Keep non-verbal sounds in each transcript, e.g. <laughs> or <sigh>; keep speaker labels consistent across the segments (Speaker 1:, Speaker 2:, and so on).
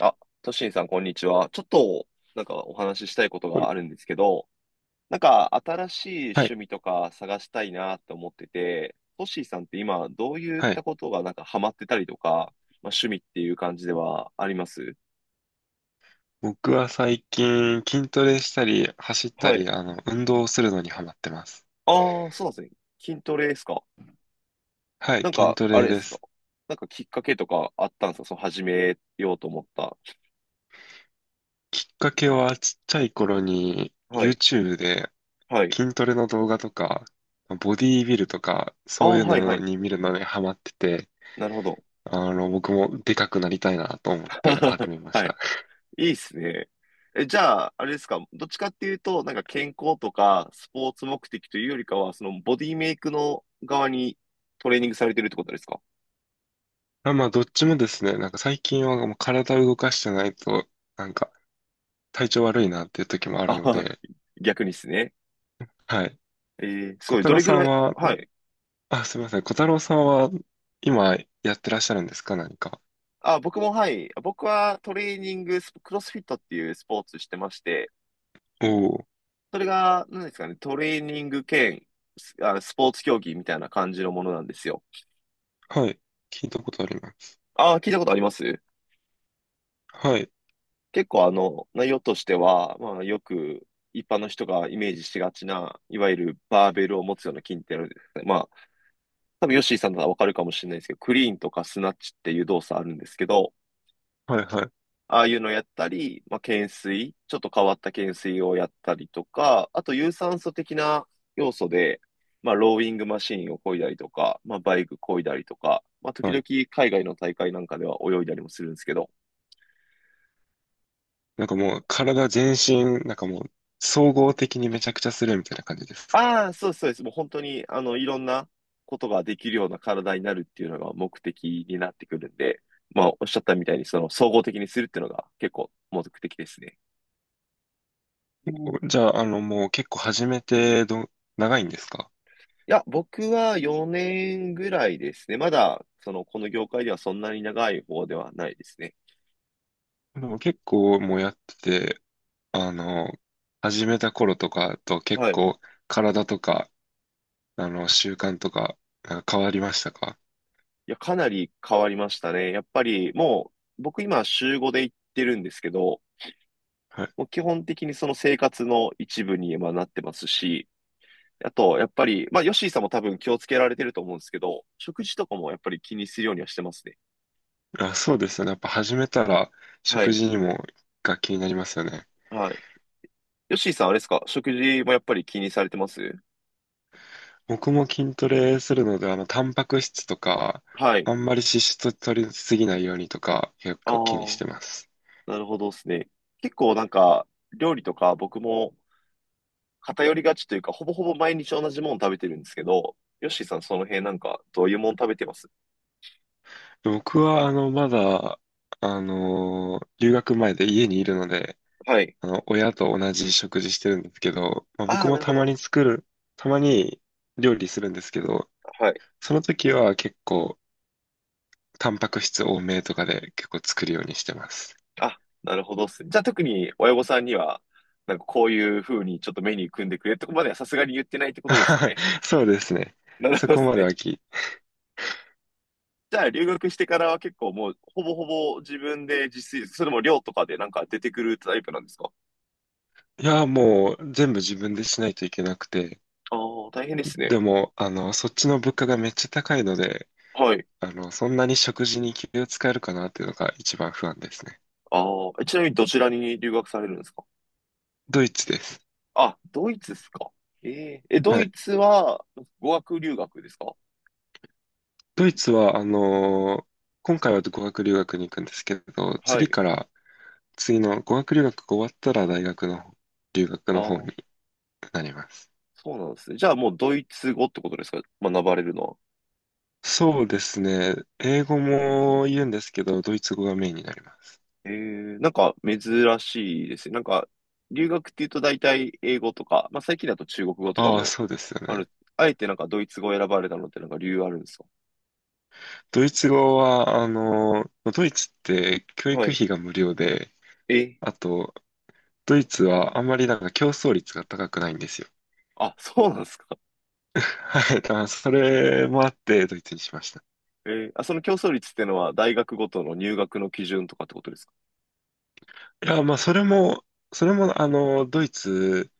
Speaker 1: あ、トシンさん、こんにちは。ちょっと、お話ししたいこと
Speaker 2: こ
Speaker 1: がある
Speaker 2: れ
Speaker 1: んですけど、新しい
Speaker 2: は
Speaker 1: 趣
Speaker 2: い、
Speaker 1: 味とか探したいなって思ってて、トシンさんって今、どういっ
Speaker 2: は
Speaker 1: た
Speaker 2: い。
Speaker 1: ことがハマってたりとか、趣味っていう感じではあります
Speaker 2: 僕は最近筋トレしたり、走った
Speaker 1: はい。
Speaker 2: り、運動をするのにハマってます。
Speaker 1: ああ、そうなんですね。筋トレですか。
Speaker 2: はい、
Speaker 1: なん
Speaker 2: 筋
Speaker 1: か、
Speaker 2: ト
Speaker 1: あ
Speaker 2: レ
Speaker 1: れで
Speaker 2: で
Speaker 1: すか。
Speaker 2: す。
Speaker 1: きっかけとかあったんですかその始めようと思った。
Speaker 2: きっかけはちっちゃい頃に
Speaker 1: はい。
Speaker 2: YouTube で
Speaker 1: はい。
Speaker 2: 筋トレの動画とか、ボディービルとか、
Speaker 1: あ
Speaker 2: そ
Speaker 1: あ、
Speaker 2: ういう
Speaker 1: はい、は
Speaker 2: の
Speaker 1: い。
Speaker 2: に見るのにハマってて、
Speaker 1: なるほど。
Speaker 2: 僕もでかくなりたいなと思って始
Speaker 1: <laughs>
Speaker 2: めまし
Speaker 1: はい。
Speaker 2: た。
Speaker 1: いいっすね。じゃあ、あれですか、どっちかっていうと、健康とかスポーツ目的というよりかは、そのボディメイクの側にトレーニングされてるってことですか？
Speaker 2: あ、まあ、どっちもですね、なんか最近はもう体を動かしてないと、なんか体調悪いなっていう時も
Speaker 1: <laughs>
Speaker 2: あ
Speaker 1: あ、
Speaker 2: るの
Speaker 1: はい、
Speaker 2: で。
Speaker 1: 逆にですね。
Speaker 2: はい。
Speaker 1: えす
Speaker 2: 小
Speaker 1: ごい。
Speaker 2: 太
Speaker 1: ど
Speaker 2: 郎
Speaker 1: れぐ
Speaker 2: さ
Speaker 1: ら
Speaker 2: ん
Speaker 1: い、
Speaker 2: は
Speaker 1: はい。
Speaker 2: あ、すみません。小太郎さんは今やってらっしゃるんですか、何か？
Speaker 1: あ、僕も、はい。僕はトレーニングスポ、クロスフィットっていうスポーツしてまして、
Speaker 2: おお、
Speaker 1: それが、何ですかね、トレーニング兼スポーツ競技みたいな感じのものなんですよ。
Speaker 2: はい。聞いたことあります。
Speaker 1: あ、聞いたことあります。
Speaker 2: はい。
Speaker 1: 結構内容としては、まあ、よく一般の人がイメージしがちな、いわゆるバーベルを持つような筋ってあるんですね。まあ、多分ヨッシーさんならわかるかもしれないですけど、クリーンとかスナッチっていう動作あるんですけど、
Speaker 2: はいはい。
Speaker 1: ああいうのやったり、まあ、懸垂、ちょっと変わった懸垂をやったりとか、あと有酸素的な要素で、まあ、ローイングマシーンを漕いだりとか、まあ、バイク漕いだりとか、まあ、時
Speaker 2: は
Speaker 1: 々
Speaker 2: い。
Speaker 1: 海外の大会なんかでは泳いだりもするんですけど、
Speaker 2: なんかもう体全身、なんかもう総合的にめちゃくちゃするみたいな感じですか？
Speaker 1: ああ、そうですそうです。もう本当に、いろんなことができるような体になるっていうのが目的になってくるんで、まあ、おっしゃったみたいに、その、総合的にするっていうのが結構目的ですね。
Speaker 2: もうじゃあ、もう結構始めてど、長いんですか？
Speaker 1: いや、僕は4年ぐらいですね。まだ、その、この業界ではそんなに長い方ではないですね。
Speaker 2: でも結構もうやってて、あの、始めた頃とかと結
Speaker 1: はい。い
Speaker 2: 構体とか、あの習慣とか、なんか変わりましたか？
Speaker 1: や、かなり変わりましたね。やっぱり、もう、僕今、週5で行ってるんですけど、もう基本的にその生活の一部に今なってますし、あと、やっぱり、まあ、ヨッシーさんも多分気をつけられてると思うんですけど、食事とかもやっぱり気にするようにはしてますね。
Speaker 2: あ、そうですよね。やっぱ始めたら
Speaker 1: は
Speaker 2: 食
Speaker 1: い。
Speaker 2: 事にもが気になりますよね。
Speaker 1: はい。ヨッシーさん、あれですか食事もやっぱり気にされてます？
Speaker 2: 僕も筋トレするので、タンパク質とか、
Speaker 1: はい。
Speaker 2: あんまり脂質取りすぎないようにとか、結
Speaker 1: あ
Speaker 2: 構気にし
Speaker 1: あ、
Speaker 2: てます。
Speaker 1: なるほどですね。結構なんか、料理とか僕も偏りがちというか、ほぼほぼ毎日同じもの食べてるんですけど、ヨッシーさん、その辺なんか、どういうもの食べてます？
Speaker 2: 僕は、まだ、留学前で家にいるので、
Speaker 1: はい。
Speaker 2: 親と同じ食事してるんですけど、まあ、
Speaker 1: あ
Speaker 2: 僕
Speaker 1: あ、な
Speaker 2: も
Speaker 1: るほど。
Speaker 2: たまに料理するんですけど、
Speaker 1: はい。
Speaker 2: その時は結構、タンパク質多めとかで結構作るようにしてます。
Speaker 1: あ、なるほどっすね。じゃあ特に親御さんには、こういう風にちょっとメニュー組んでくれってとこまではさすがに言ってないってことですよね。
Speaker 2: <laughs> そうですね。
Speaker 1: なる
Speaker 2: そ
Speaker 1: ほどで
Speaker 2: こ
Speaker 1: す
Speaker 2: まで
Speaker 1: ね。
Speaker 2: はき、い
Speaker 1: じゃあ留学してからは結構もうほぼほぼ自分で自炊、それも寮とかで出てくるタイプなんですか？
Speaker 2: や、もう全部自分でしないといけなくて、
Speaker 1: ああー、大変ですね。
Speaker 2: でも、そっちの物価がめっちゃ高いので、
Speaker 1: はい。
Speaker 2: そんなに食事に気を使えるかなっていうのが一番不安ですね。
Speaker 1: ああ、ちなみにどちらに留学されるんですか？
Speaker 2: ドイツです。
Speaker 1: あ、ドイツですか。えええ、ド
Speaker 2: は
Speaker 1: イ
Speaker 2: い。
Speaker 1: ツは語学留学ですか？
Speaker 2: ドイツは、今回は語学留学に行くんですけど、
Speaker 1: は
Speaker 2: 次
Speaker 1: い。
Speaker 2: から、次の語学留学が終わったら大学の留学
Speaker 1: あ
Speaker 2: の方
Speaker 1: あ、
Speaker 2: になります。
Speaker 1: そうなんですね。じゃあもうドイツ語ってことですか学ばれるのは。
Speaker 2: そうですね。英語も言うんですけど、ドイツ語がメインになります。
Speaker 1: 珍しいですね。留学っていうと大体英語とか、まあ最近だと中国語とか
Speaker 2: ああ、
Speaker 1: も
Speaker 2: そうですよ
Speaker 1: あ
Speaker 2: ね。
Speaker 1: る。あえてドイツ語を選ばれたのって理由あるんですか？
Speaker 2: ドイツ語は、あの、ドイツって教
Speaker 1: は
Speaker 2: 育
Speaker 1: い。
Speaker 2: 費が無料で、
Speaker 1: え、
Speaker 2: あと、ドイツはあんまりなんか競争率が高くないんですよ。
Speaker 1: あ、そうなんですか。
Speaker 2: <laughs> はい、だからそれもあってドイツにしました。
Speaker 1: その競争率ってのは大学ごとの入学の基準とかってことですか？
Speaker 2: いや、まあ、それも、ドイツ、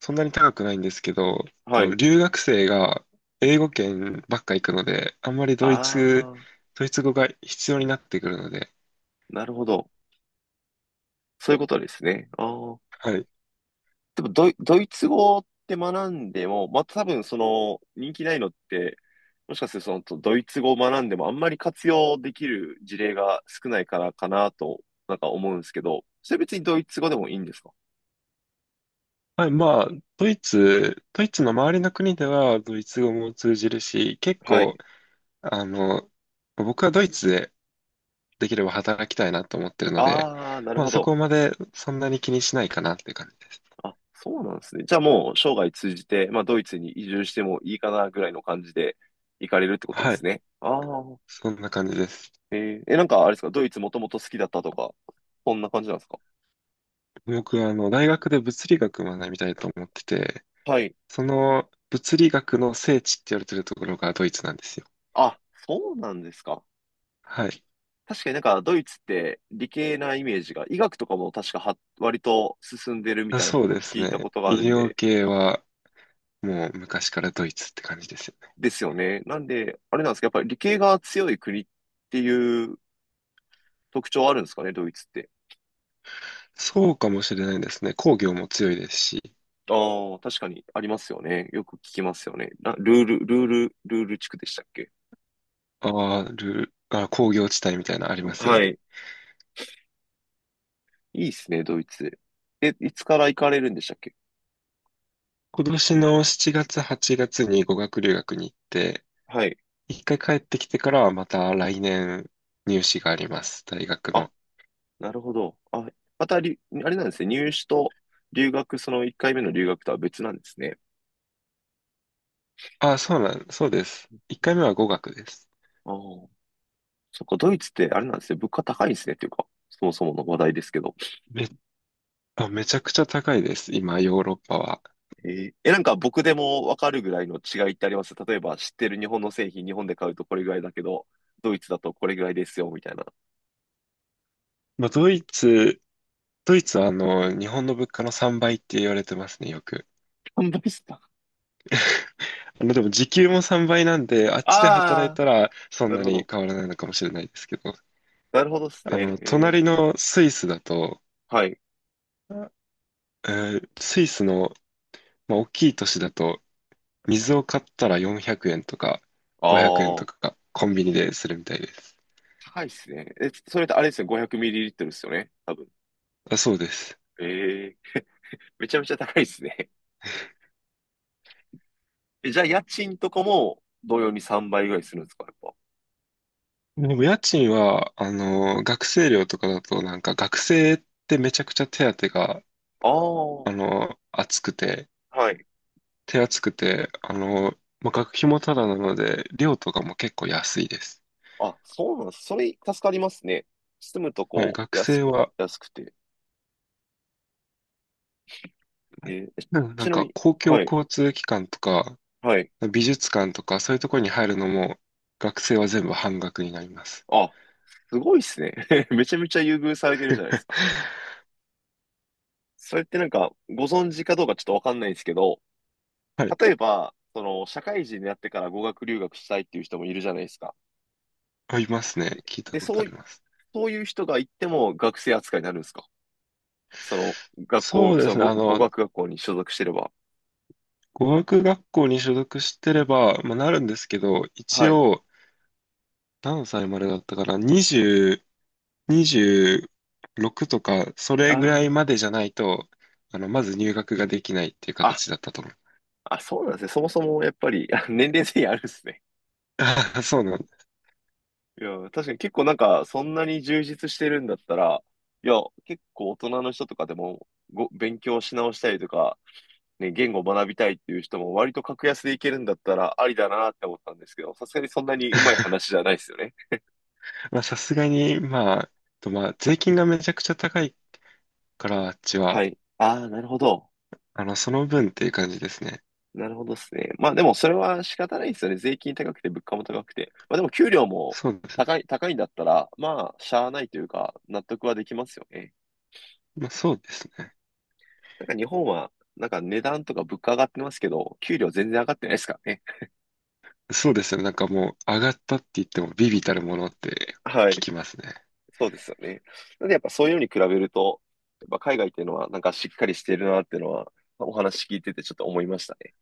Speaker 2: そんなに高くないんですけど、
Speaker 1: はい。
Speaker 2: 留学生が英語圏ばっか行くので、あんまり
Speaker 1: あー、
Speaker 2: ドイツ語が必要になってくるので、
Speaker 1: なるほど。そういうことですね。あー、
Speaker 2: はい
Speaker 1: でもドイツ語って学んでも、また多分その人気ないのって、もしかするとそのドイツ語を学んでもあんまり活用できる事例が少ないからかなと、思うんですけど、それ別にドイツ語でもいいんですか？
Speaker 2: はい、まあ、ドイツの周りの国ではドイツ語も通じるし、結
Speaker 1: は
Speaker 2: 構、
Speaker 1: い。
Speaker 2: あの、僕はドイツでできれば働きたいなと思ってるので、
Speaker 1: ああ、なる
Speaker 2: まあ
Speaker 1: ほ
Speaker 2: そ
Speaker 1: ど。
Speaker 2: こまでそんなに気にしないかなっていう感じです。
Speaker 1: あ、そうなんですね。じゃあもう生涯通じて、まあドイツに移住してもいいかなぐらいの感じで行かれるってことで
Speaker 2: は
Speaker 1: す
Speaker 2: い、
Speaker 1: ね。ああ、
Speaker 2: そんな感じです。
Speaker 1: えーえ、なんかあれですか、ドイツもともと好きだったとか、そんな感じなんですか？
Speaker 2: 僕はあの、大学で物理学を学びたいと思ってて、
Speaker 1: はい。
Speaker 2: その物理学の聖地って言われてるところがドイツなんですよ。
Speaker 1: あ、そうなんですか。
Speaker 2: はい。
Speaker 1: 確かにドイツって理系なイメージが、医学とかも確かは割と進んでるみ
Speaker 2: あ、
Speaker 1: たいな
Speaker 2: そ
Speaker 1: こ
Speaker 2: う
Speaker 1: とを
Speaker 2: です
Speaker 1: 聞いた
Speaker 2: ね。
Speaker 1: ことがある
Speaker 2: 医
Speaker 1: ん
Speaker 2: 療
Speaker 1: で、
Speaker 2: 系はもう昔からドイツって感じですよ。
Speaker 1: ですよね。なんで、あれなんですか、やっぱり理系が強い国っていう特徴あるんですかね、ドイツって。
Speaker 2: そうかもしれないですね。工業も強いですし、
Speaker 1: ああ、確かにありますよね。よく聞きますよね。ルール地区でしたっけ？
Speaker 2: あるあ、工業地帯みたいなのありますよ
Speaker 1: は
Speaker 2: ね。
Speaker 1: い。いいっすね、ドイツ。え、いつから行かれるんでしたっけ？
Speaker 2: 今年の7月、8月に語学留学に行って、
Speaker 1: はい。
Speaker 2: 一回帰ってきてからはまた来年入試があります、大学
Speaker 1: あ、
Speaker 2: の。
Speaker 1: なるほど。あ、またり、あれなんですね、入試と留学、その1回目の留学とは別なんですね。
Speaker 2: あ、そうなん、そうです。一
Speaker 1: うん、
Speaker 2: 回目は語学です。
Speaker 1: ああ、そっか、ドイツってあれなんですね。物価高いんですね。っていうか、そもそもの話題ですけど。
Speaker 2: め、めちゃくちゃ高いです、今、ヨーロッパは。
Speaker 1: えーえ、なんか僕でもわかるぐらいの違いってあります例えば知ってる日本の製品、日本で買うとこれぐらいだけど、ドイツだとこれぐらいですよ、みたいな。
Speaker 2: まあ、ドイツはあの、日本の物価の3倍って言われてますね、よく。
Speaker 1: 販売した。
Speaker 2: まあでも時給も3倍なんで、あっちで働い
Speaker 1: ああ、
Speaker 2: たらそん
Speaker 1: な
Speaker 2: な
Speaker 1: るほ
Speaker 2: に
Speaker 1: ど。
Speaker 2: 変わらないのかもしれないですけど、
Speaker 1: なるほどですね。え
Speaker 2: 隣
Speaker 1: ー、
Speaker 2: のスイスだと、
Speaker 1: はい。
Speaker 2: えスイスの、まあ、大きい都市だと、水を買ったら400円とか
Speaker 1: あ
Speaker 2: 500円と
Speaker 1: あ、
Speaker 2: かコンビニでするみたいです。
Speaker 1: 高いですね。え、それってあれですね。500ml ですよね。多分。
Speaker 2: あ、そうです。
Speaker 1: ええ、めちゃめちゃ高いですね。<laughs> え、じゃあ家賃とかも同様に3倍ぐらいするんですかやっぱ。
Speaker 2: でも家賃は、学生寮とかだと、なんか学生ってめちゃくちゃ手当が、
Speaker 1: ああ、は
Speaker 2: あの、厚くて、
Speaker 1: い。
Speaker 2: 手厚くて、まあ学費もただなので、寮とかも結構安いです。
Speaker 1: あ、そうなんです。それ助かりますね。住むと
Speaker 2: はい、
Speaker 1: こう、
Speaker 2: 学
Speaker 1: 安
Speaker 2: 生
Speaker 1: く、
Speaker 2: は、
Speaker 1: 安くて。えーえ、
Speaker 2: うんな
Speaker 1: ち
Speaker 2: ん
Speaker 1: な
Speaker 2: か
Speaker 1: みに、
Speaker 2: 公共
Speaker 1: はい、
Speaker 2: 交通機関とか、
Speaker 1: はい。
Speaker 2: 美術館とか、そういうところに入るのも、学生は全部半額になります。
Speaker 1: あ、すごいっすね。<laughs> めちゃめちゃ優遇されてるじゃないですか。それってご存知かどうかちょっとわかんないんですけど、
Speaker 2: はい、
Speaker 1: 例えば、その、社会人になってから語学留学したいっていう人もいるじゃないですか。
Speaker 2: ありますね。聞いた
Speaker 1: で、
Speaker 2: ことあります。
Speaker 1: そういう人が行っても学生扱いになるんですか？その、学
Speaker 2: そ
Speaker 1: 校、
Speaker 2: うで
Speaker 1: その
Speaker 2: すね。
Speaker 1: 語、語学学校に所属してれば。
Speaker 2: 語学学校に所属してれば、まあ、なるんですけど、一
Speaker 1: はい。
Speaker 2: 応、何歳までだったかな、20、26とか、そ
Speaker 1: あ
Speaker 2: れぐらいま
Speaker 1: ー
Speaker 2: でじゃないと、まず入学ができないっていう
Speaker 1: あ、
Speaker 2: 形だったと思う。
Speaker 1: あ、そうなんですね。そもそもやっぱり、<laughs> あ、年齢制限あるんですね。
Speaker 2: <laughs> あ、そうなんだ。
Speaker 1: いや、確かに結構なんか、そんなに充実してるんだったら、いや、結構大人の人とかでも、勉強し直したりとか、ね、言語を学びたいっていう人も割と格安でいけるんだったらありだなって思ったんですけど、さすがにそんなにうまい話じゃないですよね。
Speaker 2: まあ、さすがに、まあ、とまあ、税金がめちゃくちゃ高いから、あっち
Speaker 1: は
Speaker 2: は、
Speaker 1: い。ああ、なるほど。
Speaker 2: その分っていう感じですね。
Speaker 1: なるほどですね。まあでもそれは仕方ないですよね。税金高くて物価も高くて。まあでも給料も
Speaker 2: そうです。
Speaker 1: 高い、高いんだったら、まあ、しゃあないというか、納得はできますよね。
Speaker 2: まあ、そうですね。
Speaker 1: 日本は、値段とか物価上がってますけど、給料全然上がってないですからね。
Speaker 2: そうですよ。なんかもう、上がったって言っても、微々たるものって
Speaker 1: は
Speaker 2: 聞
Speaker 1: い。
Speaker 2: きますね。
Speaker 1: そうですよね。なんでやっぱそういうのに比べると、やっぱ海外っていうのはしっかりしてるなっていうのは、まあお話聞いててちょっと思いましたね。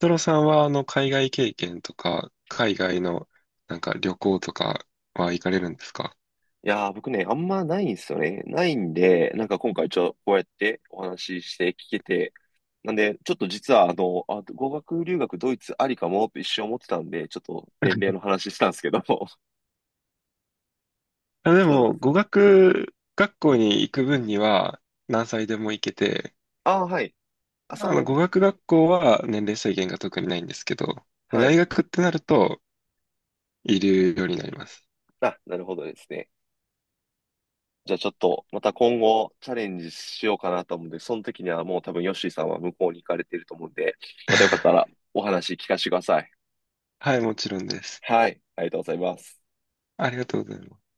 Speaker 2: トロさんは、海外経験とか、海外の、なんか旅行とかは行かれるんですか？
Speaker 1: いやー、僕ね、あんまないんですよね。ないんで、今回こうやってお話しして聞けて、なんで、ちょっと実は、語学留学ドイツありかもって一瞬思ってたんで、ちょっと年齢の話したんですけども。
Speaker 2: あ、
Speaker 1: <laughs>
Speaker 2: で
Speaker 1: そうなんで
Speaker 2: も、語
Speaker 1: す。
Speaker 2: 学学校に行く分には、何歳でも行けて、
Speaker 1: ああ、はい。あ、その、
Speaker 2: 語学学校は年齢制限が特にないんですけど、まあ
Speaker 1: はい。
Speaker 2: 大学ってなると、いるようになります。
Speaker 1: あ、なるほどですね。じゃあちょっと、また今後チャレンジしようかなと思うんで、その時にはもう多分ヨッシーさんは向こうに行かれていると思うんで、またよかったら
Speaker 2: <laughs>
Speaker 1: お話聞かせてください。
Speaker 2: はい、もちろんです。
Speaker 1: はい、ありがとうございます。
Speaker 2: ありがとうございます。